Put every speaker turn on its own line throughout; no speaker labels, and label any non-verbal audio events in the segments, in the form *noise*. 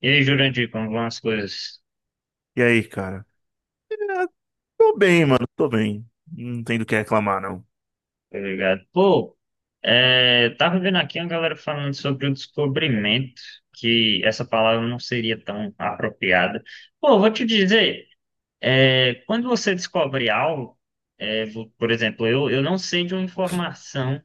E aí, Jurandir, como vão as coisas?
E aí, cara? É, tô bem, mano, tô bem. Não tem do que reclamar, não.
Obrigado. Pô, tava vendo aqui uma galera falando sobre o descobrimento, que essa palavra não seria tão apropriada. Pô, vou te dizer, quando você descobre algo, por exemplo, eu não sei de uma informação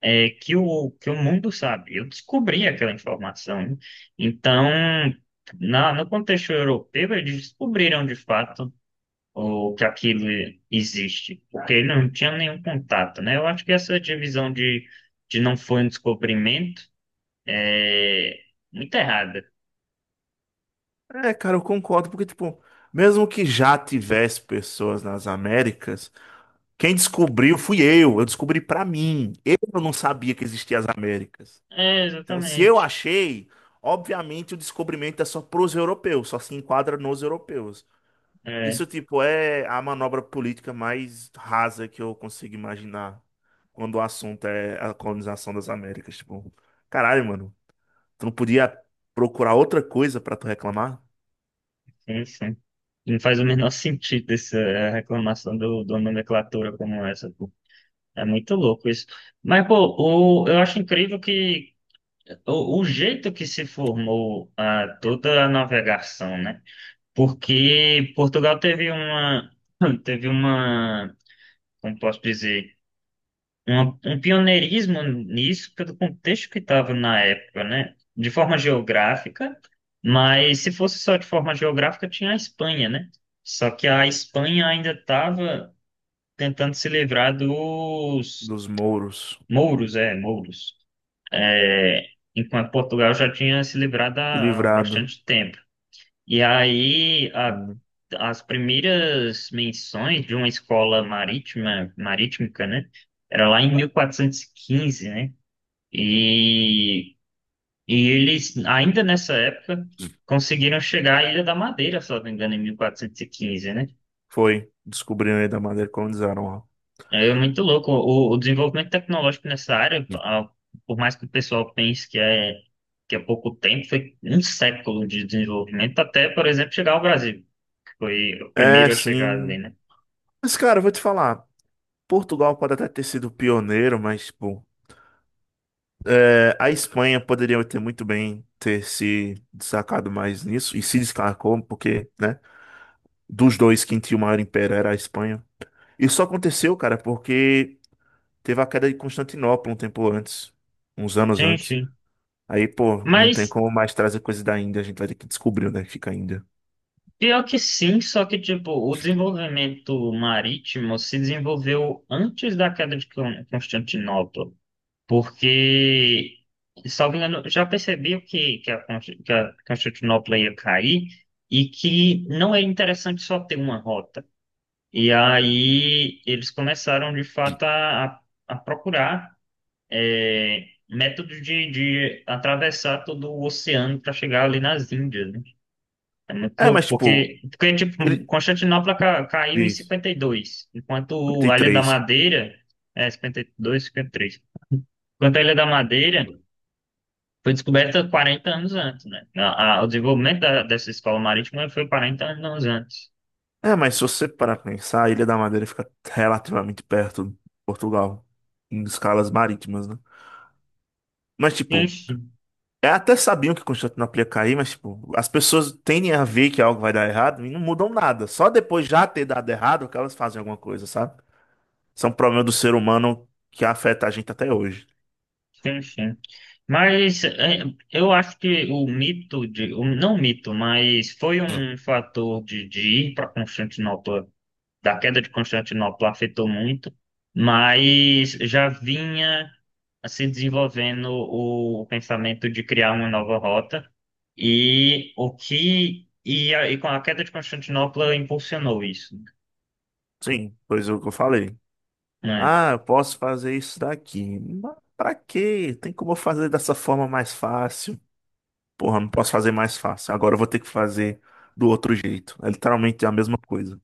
que o mundo sabe. Eu descobri aquela informação, né? Então, no contexto europeu, eles descobriram de fato ou que aquilo existe, porque ele não tinha nenhum contato, né? Eu acho que essa divisão de não foi um descobrimento é muito errada.
É, cara, eu concordo, porque, tipo, mesmo que já tivesse pessoas nas Américas, quem descobriu fui eu. Eu descobri pra mim. Eu não sabia que existiam as Américas.
É,
Então, se eu
exatamente.
achei, obviamente o descobrimento é só pros europeus, só se enquadra nos europeus.
É,
Isso, tipo, é a manobra política mais rasa que eu consigo imaginar quando o assunto é a colonização das Américas. Tipo, caralho, mano, tu não podia procurar outra coisa pra tu reclamar?
sim, sim. Não faz o menor *laughs* sentido essa reclamação do nomenclatura como essa, pô. É muito louco isso. Mas, pô, eu acho incrível que o jeito que se formou ah, toda a navegação, né? Porque Portugal teve uma, *clears throat* teve uma, como posso dizer, um pioneirismo nisso pelo contexto que estava na época, né? De forma geográfica, mas se fosse só de forma geográfica, tinha a Espanha, né? Só que a Espanha ainda estava tentando se livrar dos
Dos mouros,
mouros, é, mouros, é, enquanto Portugal já tinha se livrado há
livrado.
bastante tempo. E aí,
Hum.
as primeiras menções de uma escola marítima, marítica, né? Era lá em 1415, né? E, e eles, ainda nessa época, conseguiram chegar à Ilha da Madeira, se eu não me engano, em 1415, né?
Foi, descobriram aí da maneira que colonizaram lá.
É muito louco. O desenvolvimento tecnológico nessa área, por mais que o pessoal pense que é pouco tempo, foi um século de desenvolvimento até, por exemplo, chegar ao Brasil, que foi o
É,
primeiro a chegar ali,
sim.
né?
Mas, cara, eu vou te falar. Portugal pode até ter sido pioneiro, mas, tipo, é, a Espanha poderia ter muito bem ter se destacado mais nisso e se destacou porque, né, dos dois quem tinha o maior império era a Espanha. Isso aconteceu, cara, porque teve a queda de Constantinopla um tempo antes, uns anos
Sim,
antes.
sim.
Aí, pô, não tem
Mas
como mais trazer coisa da Índia, a gente vai ter que descobrir onde é que fica a Índia.
pior que sim, só que tipo, o desenvolvimento marítimo se desenvolveu antes da queda de Constantinopla, porque, salvo engano, já percebiam que a Constantinopla ia cair e que não era interessante só ter uma rota. E aí eles começaram de fato a procurar métodos de atravessar todo o oceano para chegar ali nas Índias, né? É muito
É,
louco,
mas tipo,
porque tipo,
ele
Constantinopla caiu em
diz
52 enquanto a Ilha da
53.
Madeira, é 52, 53. Enquanto a Ilha da Madeira foi descoberta 40 anos antes, né? O desenvolvimento dessa escola marítima foi 40 anos antes.
É, mas se você parar pra pensar, a Ilha da Madeira fica relativamente perto de Portugal, em escalas marítimas, né? Mas tipo,
Enfim,
é, até sabiam que Constantinopla ia cair, mas tipo, as pessoas tendem a ver que algo vai dar errado e não mudam nada. Só depois já ter dado errado que elas fazem alguma coisa, sabe? Isso é um problema do ser humano que afeta a gente até hoje.
enfim. Mas é, eu acho que o mito não mito, mas foi um fator de ir para Constantinopla da queda de Constantinopla afetou muito, mas já vinha se desenvolvendo o pensamento de criar uma nova rota e o que e, a, e com a queda de Constantinopla impulsionou isso,
Sim, pois é o que eu falei.
né?
Ah, eu posso fazer isso daqui. Mas pra quê? Tem como eu fazer dessa forma mais fácil? Porra, não posso fazer mais fácil. Agora eu vou ter que fazer do outro jeito. É literalmente a mesma coisa.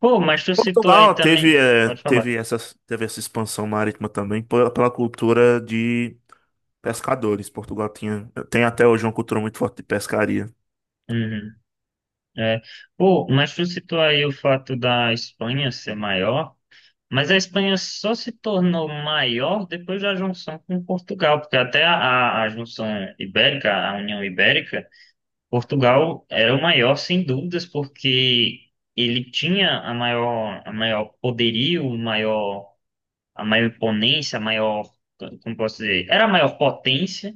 Pô, mas tu citou aí
Portugal teve,
também, pode falar.
teve essa expansão marítima também pela cultura de pescadores. Portugal tinha, tem até hoje uma cultura muito forte de pescaria.
Uhum, é. Pô, mas tu citou aí o fato da Espanha ser maior. Mas a Espanha só se tornou maior depois da junção com Portugal, porque até a junção ibérica, a União Ibérica, Portugal era o maior, sem dúvidas, porque ele tinha a maior poderio, o maior, a maior imponência, a maior, como posso dizer, era a maior potência.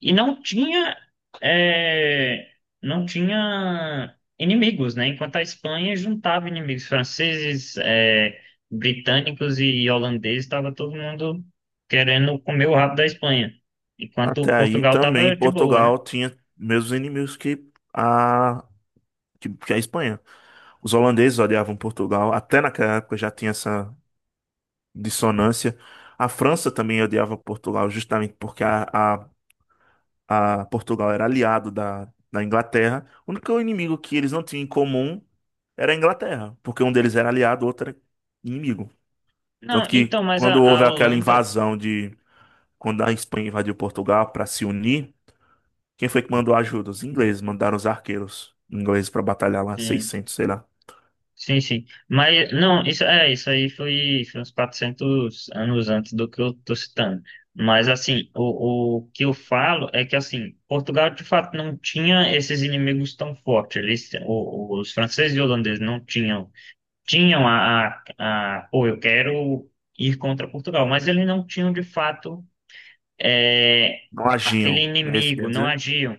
E não tinha, é, não tinha inimigos, né? Enquanto a Espanha juntava inimigos franceses, é, britânicos e holandeses, estava todo mundo querendo comer o rabo da Espanha, enquanto
Até aí
Portugal
também
estava de boa, né?
Portugal tinha mesmos inimigos que a, que a Espanha. Os holandeses odiavam Portugal, até naquela época já tinha essa dissonância. A França também odiava Portugal, justamente porque a, a a Portugal era aliado da, da Inglaterra. O único inimigo que eles não tinham em comum era a Inglaterra, porque um deles era aliado, o outro era inimigo. Tanto
Não,
que
então, mas
quando houve
a
aquela
Holanda,
invasão de quando a Espanha invadiu Portugal para se unir, quem foi que mandou ajuda? Os ingleses mandaram os arqueiros ingleses para batalhar lá,
é,
seiscentos, sei lá.
sim, sim. Mas, não, isso, é, isso aí foi, foi uns 400 anos antes do que eu tô citando. Mas, assim, o que eu falo é que, assim, Portugal, de fato, não tinha esses inimigos tão fortes. Eles, os franceses e holandeses não tinham, tinham a, pô, eu quero ir contra Portugal, mas eles não tinham, de fato, é,
Não
aquele
agiam, é isso que
inimigo,
quer dizer?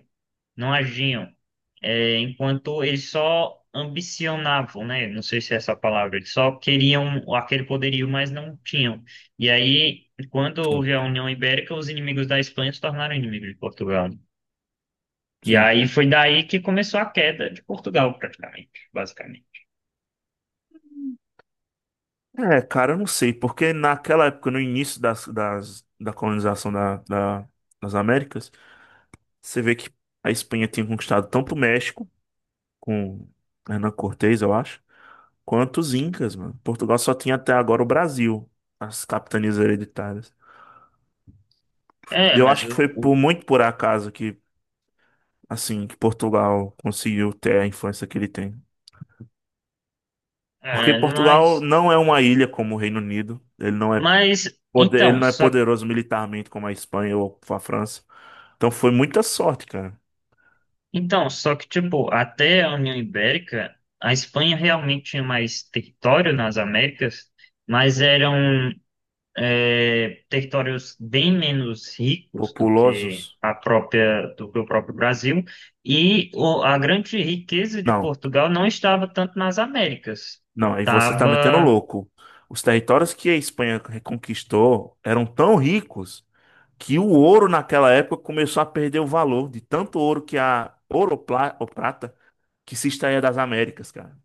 não agiam, é, enquanto eles só ambicionavam, né? Não sei se é essa a palavra, eles só queriam aquele poderio, mas não tinham. E aí, quando
Hum.
houve a União Ibérica, os inimigos da Espanha se tornaram inimigos de Portugal, né? E
Sim.
aí foi daí que começou a queda de Portugal, praticamente, basicamente.
É, cara, eu não sei, porque naquela época, no início das, da colonização da, das Américas, você vê que a Espanha tinha conquistado tanto o México, com Hernán Cortés, eu acho, quanto os Incas, mano. Portugal só tinha até agora o Brasil, as capitanias hereditárias.
É,
Eu
mas
acho que foi
o-
por muito por acaso que, assim, que Portugal conseguiu ter a influência que ele tem. Porque
é,
Portugal não é uma ilha como o Reino Unido, ele não é
mas
poder, ele
então,
não é
só
poderoso militarmente como a Espanha ou a França. Então foi muita sorte, cara.
Então, só que, tipo, até a União Ibérica, a Espanha realmente tinha mais território nas Américas, mas eram territórios bem menos ricos do que
Populosos.
a própria, do que o próprio Brasil, e a grande riqueza de
Não.
Portugal não estava tanto nas Américas,
Não, aí você tá metendo
estava...
louco. Os territórios que a Espanha reconquistou eram tão ricos que o ouro naquela época começou a perder o valor de tanto ouro que a ouro ou ou prata que se extraía das Américas, cara.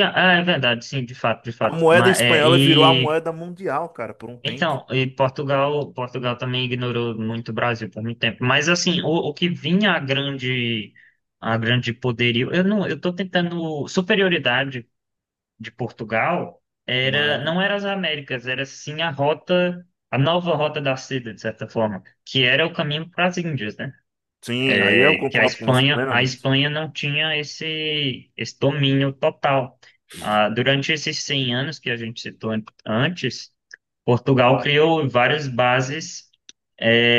Ah, é verdade, sim, de fato, de
A
fato.
moeda espanhola virou a moeda mundial, cara, por um tempo.
Então, e Portugal, Portugal também ignorou muito o Brasil por muito tempo. Mas assim, o que vinha a grande poderio, eu não, eu tô tentando superioridade de Portugal era
Mas
não era as Américas, era sim a rota, a nova rota da seda, de certa forma, que era o caminho para as Índias, né?
sim, aí eu
É que
concordo com você
A
plenamente.
Espanha não tinha esse domínio total. Ah, durante esses 100 anos que a gente citou antes, Portugal criou várias bases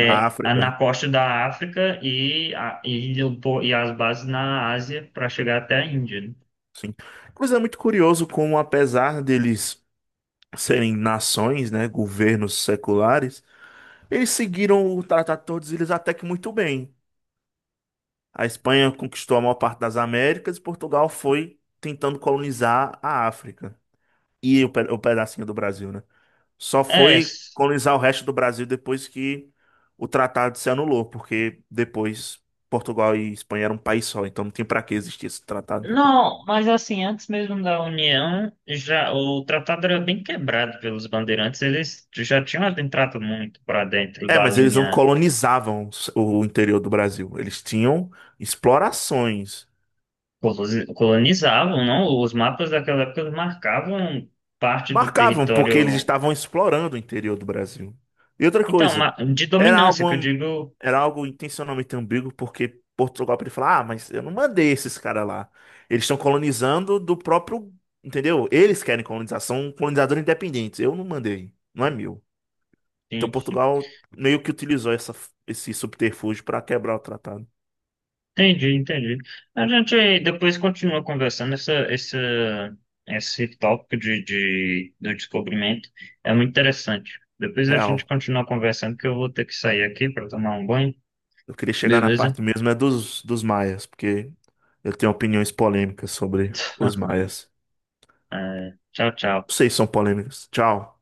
Na
na
África,
costa da África e as bases na Ásia para chegar até a Índia, né?
sim. Coisa muito curioso como apesar deles serem nações, né, governos seculares, eles seguiram o Tratado de Tordesilhas até que muito bem. A Espanha conquistou a maior parte das Américas e Portugal foi tentando colonizar a África e o, o pedacinho do Brasil, né? Só
É,
foi
s-
colonizar o resto do Brasil depois que o tratado se anulou, porque depois Portugal e Espanha eram um país só, então não tem para que existir esse tratado.
não, mas assim, antes mesmo da União, já o tratado era bem quebrado pelos bandeirantes, eles já tinham entrado muito para dentro
É,
da
mas eles não
linha.
colonizavam o interior do Brasil. Eles tinham explorações.
Colonizavam, não? Os mapas daquela época marcavam parte do
Marcavam, porque eles
território.
estavam explorando o interior do Brasil. E outra
Então,
coisa,
de
era algo,
dominância, que eu digo.
era algo intencionalmente ambíguo, porque Portugal podia falar, ah, mas eu não mandei esses caras lá. Eles estão colonizando do próprio, entendeu? Eles querem colonizar, são colonizadores independentes. Eu não mandei, não é meu. Então
Sim, sim.
Portugal meio que utilizou essa, esse subterfúgio para quebrar o tratado.
Entendi, entendi. A gente depois continua conversando esse tópico do descobrimento. É muito interessante. Depois a gente
Real.
continua conversando, que eu vou ter que sair aqui para tomar um banho.
Eu queria chegar na
Beleza?
parte mesmo é dos, dos maias, porque eu tenho opiniões polêmicas sobre os
*laughs*
maias.
É, tchau, tchau.
Vocês são polêmicas. Tchau.